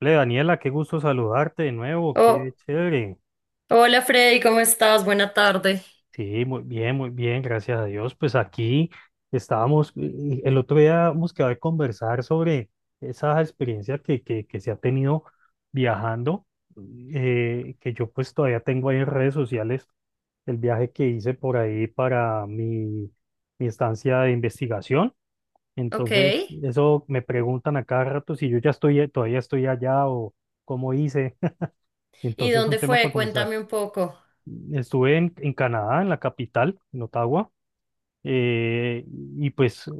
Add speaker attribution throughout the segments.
Speaker 1: Hola, Daniela, qué gusto saludarte de nuevo, qué
Speaker 2: Oh,
Speaker 1: chévere.
Speaker 2: hola Freddy, ¿cómo estás? Buena tarde.
Speaker 1: Sí, muy bien, gracias a Dios. Pues aquí estábamos, el otro día hemos quedado de conversar sobre esa experiencia que se ha tenido viajando, que yo pues todavía tengo ahí en redes sociales el viaje que hice por ahí para mi estancia de investigación.
Speaker 2: Ok.
Speaker 1: Entonces, eso me preguntan a cada rato si yo ya estoy, todavía estoy allá o cómo hice.
Speaker 2: ¿Y
Speaker 1: Entonces son
Speaker 2: dónde
Speaker 1: temas para
Speaker 2: fue?
Speaker 1: conversar.
Speaker 2: Cuéntame un poco.
Speaker 1: Estuve en Canadá, en la capital, en Ottawa, eh, y pues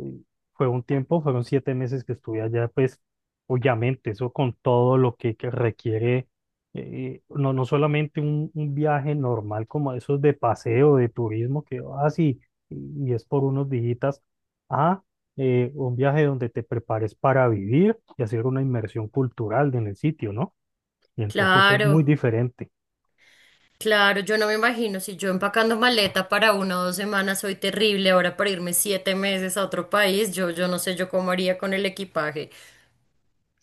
Speaker 1: fue un tiempo, fueron 7 meses que estuve allá, pues obviamente eso con todo lo que requiere, no, no solamente un viaje normal como esos de paseo, de turismo, que así, y es por unos dígitas, a un viaje donde te prepares para vivir y hacer una inmersión cultural en el sitio, ¿no? Y entonces es muy
Speaker 2: Claro,
Speaker 1: diferente.
Speaker 2: claro, yo no me imagino si yo empacando maleta para una o 2 semanas soy terrible, ahora para irme 7 meses a otro país, yo no sé yo cómo haría con el equipaje.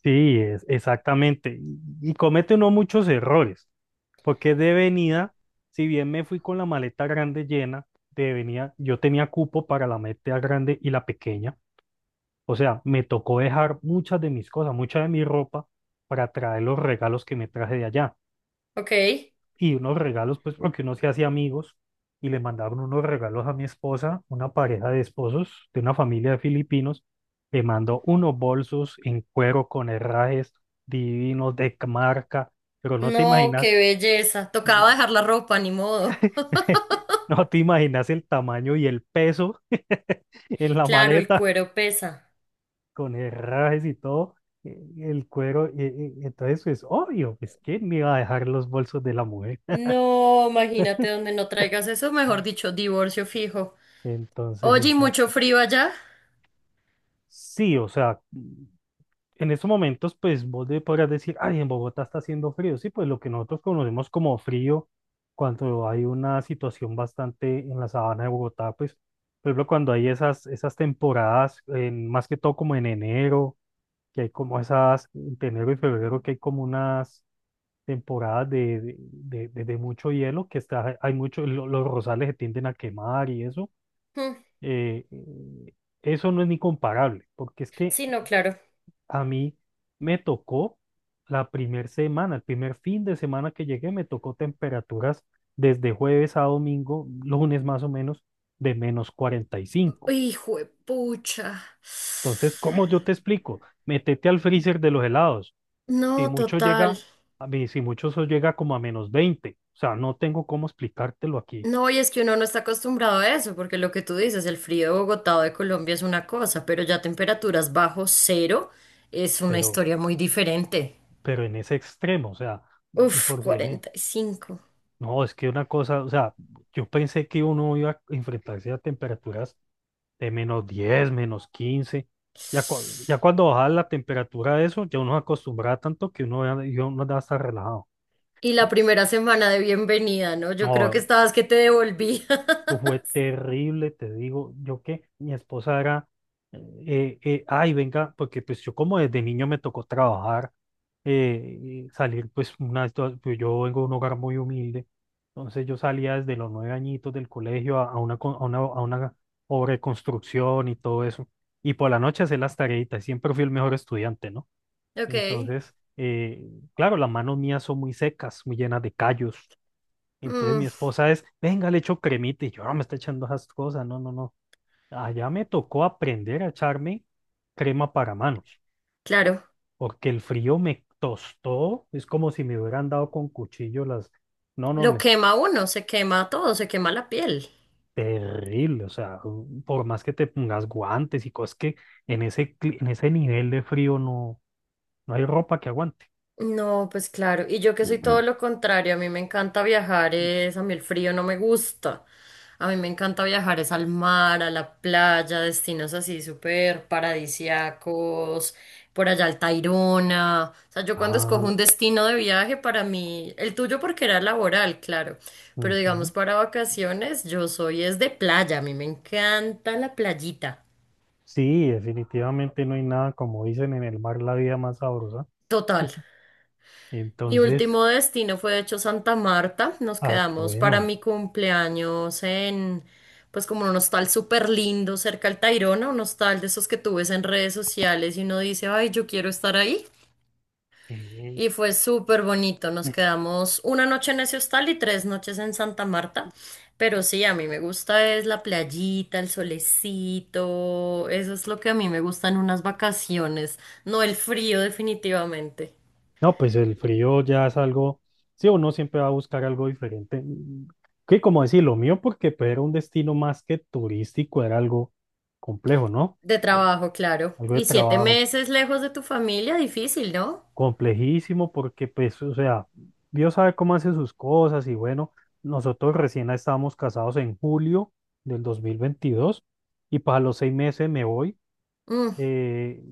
Speaker 1: Sí, exactamente. Y comete uno muchos errores, porque de venida, si bien me fui con la maleta grande llena, de venida yo tenía cupo para la maleta grande y la pequeña. O sea, me tocó dejar muchas de mis cosas, mucha de mi ropa para traer los regalos que me traje de allá
Speaker 2: Ok.
Speaker 1: y unos regalos, pues porque uno se hacía amigos y le mandaron unos regalos a mi esposa, una pareja de esposos de una familia de filipinos, le mandó unos bolsos en cuero con herrajes divinos de marca, pero no te
Speaker 2: No, qué
Speaker 1: imaginas,
Speaker 2: belleza. Tocaba dejar la ropa, ni modo.
Speaker 1: no te imaginas el tamaño y el peso en la
Speaker 2: Claro, el
Speaker 1: maleta
Speaker 2: cuero pesa.
Speaker 1: con herrajes y todo. El cuero, entonces es obvio, es que me iba a dejar los bolsos de la mujer.
Speaker 2: No, imagínate donde no traigas eso, mejor dicho, divorcio fijo.
Speaker 1: Entonces,
Speaker 2: Oye, ¿y mucho frío allá?
Speaker 1: sí, o sea, en estos momentos, pues vos podrás decir, ay, en Bogotá está haciendo frío. Sí, pues lo que nosotros conocemos como frío, cuando hay una situación bastante en la sabana de Bogotá, pues, por ejemplo, cuando hay esas temporadas, más que todo como en enero, que hay como esas, entre enero y febrero, que hay como unas temporadas de mucho hielo, que está, hay mucho, los rosales se tienden a quemar y eso.
Speaker 2: Mm,
Speaker 1: eh, eh, eso no es ni comparable, porque es que
Speaker 2: sí, no, claro.
Speaker 1: a mí me tocó la primer semana, el primer fin de semana que llegué, me tocó temperaturas desde jueves a domingo, lunes más o menos, de -45.
Speaker 2: Hijo de pucha.
Speaker 1: Entonces, ¿cómo yo te explico? Métete al freezer de los helados. Si
Speaker 2: No,
Speaker 1: mucho
Speaker 2: total.
Speaker 1: llega, a mí, si mucho eso llega como a -20. O sea, no tengo cómo explicártelo aquí,
Speaker 2: No, y es que uno no está acostumbrado a eso, porque lo que tú dices, el frío de Bogotá o de Colombia es una cosa, pero ya temperaturas bajo cero es una
Speaker 1: pero,
Speaker 2: historia muy diferente.
Speaker 1: pero en ese extremo, o sea, de
Speaker 2: Uf,
Speaker 1: por sí,
Speaker 2: 45.
Speaker 1: no, es que una cosa, o sea, yo pensé que uno iba a enfrentarse a temperaturas de -10, -15. Ya, ya cuando baja la temperatura de eso, ya uno se acostumbra tanto que uno ya está relajado.
Speaker 2: Y la primera semana de bienvenida, ¿no? Yo creo que
Speaker 1: No,
Speaker 2: estabas que te devolví.
Speaker 1: fue terrible, te digo, yo que mi esposa era, ay, venga, porque pues yo como desde niño me tocó trabajar, y salir pues pues, yo vengo de un hogar muy humilde, entonces yo salía desde los 9 añitos del colegio a una, con- a una obra de construcción y todo eso, y por la noche hacer las tareitas, siempre fui el mejor estudiante, ¿no?
Speaker 2: Ok.
Speaker 1: Entonces, claro, las manos mías son muy secas, muy llenas de callos, entonces mi
Speaker 2: Mm,
Speaker 1: esposa es, venga, le echo cremita y yo no me está echando esas cosas, no, no, no. Allá me tocó aprender a echarme crema para manos,
Speaker 2: claro.
Speaker 1: porque el frío me tostó, es como si me hubieran dado con cuchillo las. No, no,
Speaker 2: Lo quema uno, se quema todo, se quema la piel.
Speaker 1: terrible, o sea, por más que te pongas guantes y cosas que en ese nivel de frío no, no hay ropa que aguante.
Speaker 2: No, pues claro, y yo que soy todo lo contrario, a mí me encanta viajar, es, a mí el frío no me gusta, a mí me encanta viajar es al mar, a la playa, destinos así súper paradisiacos, por allá al Tayrona, o sea, yo cuando escojo
Speaker 1: Ah,
Speaker 2: un destino de viaje para mí, el tuyo porque era laboral, claro, pero digamos
Speaker 1: ujú.
Speaker 2: para vacaciones, yo soy es de playa, a mí me encanta la playita,
Speaker 1: Sí, definitivamente no hay nada, como dicen en el mar, la vida más sabrosa.
Speaker 2: total. Mi
Speaker 1: Entonces.
Speaker 2: último destino fue de hecho Santa Marta. Nos
Speaker 1: Ah, qué
Speaker 2: quedamos para
Speaker 1: bueno.
Speaker 2: mi cumpleaños en, pues como un hostal súper lindo cerca al Tayrona, un hostal de esos que tú ves en redes sociales y uno dice, ay, yo quiero estar ahí.
Speaker 1: Mm.
Speaker 2: Y fue súper bonito. Nos
Speaker 1: Mm.
Speaker 2: quedamos una noche en ese hostal y 3 noches en Santa Marta. Pero sí, a mí me gusta es la playita, el solecito. Eso es lo que a mí me gustan unas vacaciones, no el frío definitivamente.
Speaker 1: No, pues el frío ya es algo, sí, uno siempre va a buscar algo diferente. Que como decir, lo mío, porque pues, era un destino más que turístico, era algo complejo, ¿no?
Speaker 2: De
Speaker 1: De-
Speaker 2: trabajo, claro.
Speaker 1: Algo de
Speaker 2: Y siete
Speaker 1: trabajo,
Speaker 2: meses lejos de tu familia, difícil, ¿no?
Speaker 1: complejísimo, porque pues, o sea, Dios sabe cómo hace sus cosas y bueno, nosotros recién estábamos casados en julio del 2022 y para los 6 meses me voy.
Speaker 2: Mm,
Speaker 1: eh,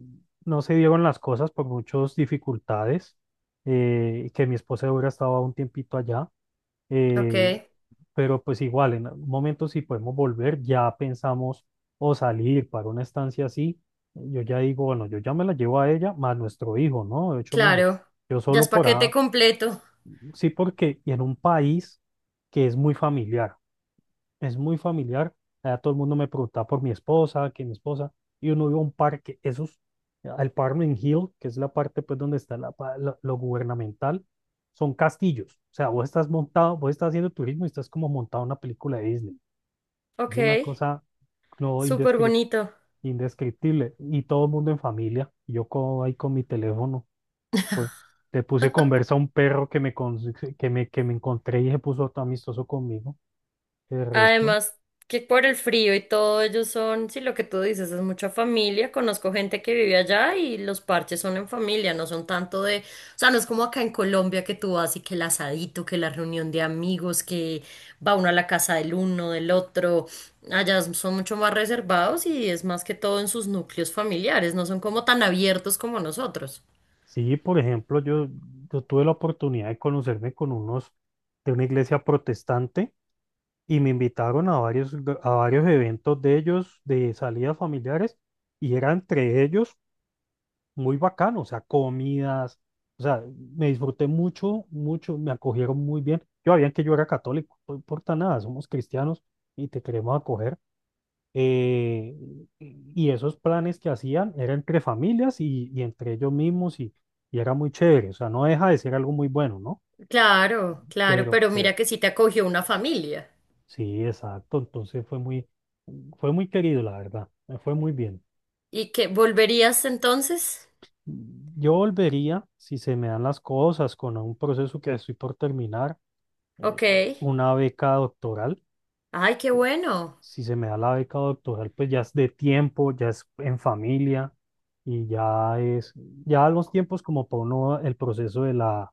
Speaker 1: no se dieron las cosas por muchas dificultades, y que mi esposa hubiera estado un tiempito allá,
Speaker 2: ok,
Speaker 1: eh, pero pues igual, en algún momento si podemos volver, ya pensamos o salir para una estancia así, yo ya digo, bueno, yo ya me la llevo a ella, más nuestro hijo, ¿no? De 8 meses.
Speaker 2: claro.
Speaker 1: Yo
Speaker 2: Ya es
Speaker 1: solo por
Speaker 2: paquete
Speaker 1: ahora,
Speaker 2: completo.
Speaker 1: sí porque, y en un país que es muy familiar es muy familiar. Allá todo el mundo me preguntaba por mi esposa, que mi esposa, y uno iba a un parque, esos, al Parmen Hill, que es la parte pues donde está lo gubernamental, son castillos. O sea, vos estás montado, vos estás haciendo turismo y estás como montado en una película de Disney. Es
Speaker 2: Ok,
Speaker 1: una cosa no
Speaker 2: súper bonito.
Speaker 1: indescriptible. Y todo el mundo en familia, y yo ahí con mi teléfono, pues le puse conversa a un perro que me, que me encontré y se puso todo amistoso conmigo. De resto.
Speaker 2: Además, que por el frío y todo, ellos son, sí, lo que tú dices, es mucha familia. Conozco gente que vive allá y los parches son en familia, no son tanto de, o sea, no es como acá en Colombia que tú vas y que el asadito, que la reunión de amigos, que va uno a la casa del uno, del otro. Allá son mucho más reservados y es más que todo en sus núcleos familiares, no son como tan abiertos como nosotros.
Speaker 1: Sí, por ejemplo, yo tuve la oportunidad de conocerme con unos de una iglesia protestante y me invitaron a a varios eventos de ellos, de salidas familiares, y era entre ellos muy bacano, o sea, comidas, o sea, me disfruté mucho, mucho, me acogieron muy bien. Yo sabían que yo era católico, no importa nada, somos cristianos y te queremos acoger, eh, y esos planes que hacían eran entre familias y entre ellos mismos y era muy chévere, o sea, no deja de ser algo muy bueno, ¿no?
Speaker 2: Claro, claro,
Speaker 1: Pero,
Speaker 2: pero mira
Speaker 1: pero
Speaker 2: que sí te acogió una familia.
Speaker 1: sí, exacto, entonces fue muy querido, la verdad, me fue muy bien.
Speaker 2: ¿Y que volverías entonces?
Speaker 1: Yo volvería, si se me dan las cosas, con un proceso que estoy por terminar, eh,
Speaker 2: Ok.
Speaker 1: una beca doctoral
Speaker 2: Ay, qué bueno.
Speaker 1: si se me da la beca doctoral, pues ya es de tiempo, ya es en familia y ya es, ya los tiempos como para uno, el proceso de la,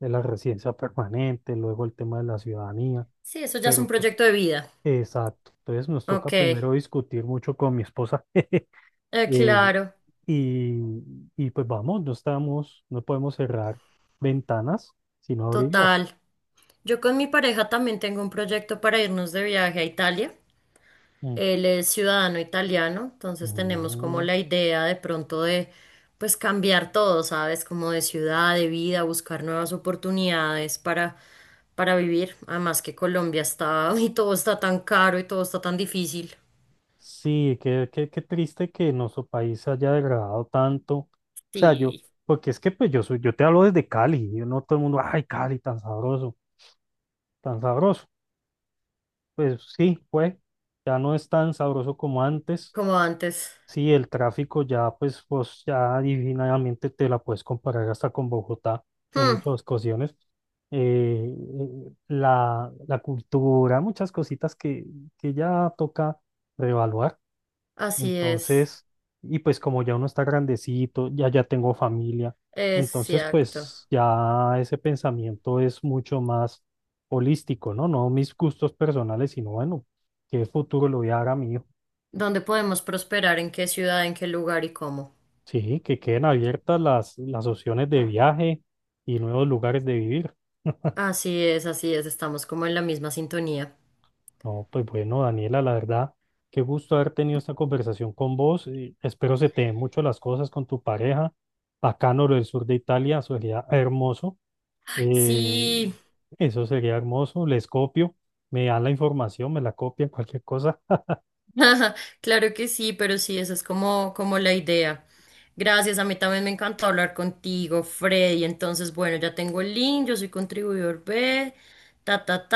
Speaker 1: de la residencia permanente, luego el tema de la ciudadanía,
Speaker 2: Sí, eso ya es
Speaker 1: pero
Speaker 2: un
Speaker 1: pues,
Speaker 2: proyecto de vida.
Speaker 1: exacto. Entonces nos toca
Speaker 2: Ok,
Speaker 1: primero discutir mucho con mi esposa. eh,
Speaker 2: claro,
Speaker 1: y, y pues vamos, no estamos, no podemos cerrar ventanas, sino abrirlas.
Speaker 2: total. Yo con mi pareja también tengo un proyecto para irnos de viaje a Italia.
Speaker 1: Mm.
Speaker 2: Él es ciudadano italiano, entonces tenemos como
Speaker 1: Mm.
Speaker 2: la idea de pronto de, pues, cambiar todo, ¿sabes? Como de ciudad, de vida, buscar nuevas oportunidades para vivir. Además que Colombia está, y todo está tan caro y todo está tan difícil.
Speaker 1: Sí, qué triste que nuestro país se haya degradado tanto. O sea, yo,
Speaker 2: Sí,
Speaker 1: porque es que pues yo soy, yo te hablo desde Cali, yo no todo el mundo, ay, Cali, tan sabroso, tan sabroso. Pues sí, pues, ya no es tan sabroso como antes.
Speaker 2: como antes.
Speaker 1: Sí, el tráfico ya, pues ya divinamente te la puedes comparar hasta con Bogotá en
Speaker 2: Hmm,
Speaker 1: muchas ocasiones. Eh, la cultura, muchas cositas que ya toca reevaluar.
Speaker 2: así es.
Speaker 1: Entonces, y pues como ya uno está grandecito, ya tengo familia, entonces
Speaker 2: Exacto.
Speaker 1: pues ya ese pensamiento es mucho más holístico, ¿no? No mis gustos personales, sino bueno, qué futuro le voy a dar a mi hijo.
Speaker 2: ¿Dónde podemos prosperar? ¿En qué ciudad? ¿En qué lugar y cómo?
Speaker 1: Sí, que queden abiertas las opciones de viaje y nuevos lugares de vivir.
Speaker 2: Así es, estamos como en la misma sintonía.
Speaker 1: No, pues bueno, Daniela, la verdad, qué gusto haber tenido esta conversación con vos. Y espero se te den mucho las cosas con tu pareja. Bacano lo del sur de Italia, sería hermoso. Eh,
Speaker 2: Sí,
Speaker 1: eso sería hermoso, les copio, me dan la información, me la copian, cualquier cosa.
Speaker 2: claro que sí, pero sí, esa es como, como la idea. Gracias, a mí también me encantó hablar contigo, Freddy. Entonces, bueno, ya tengo el link, yo soy contribuidor B, ta, ta, ta.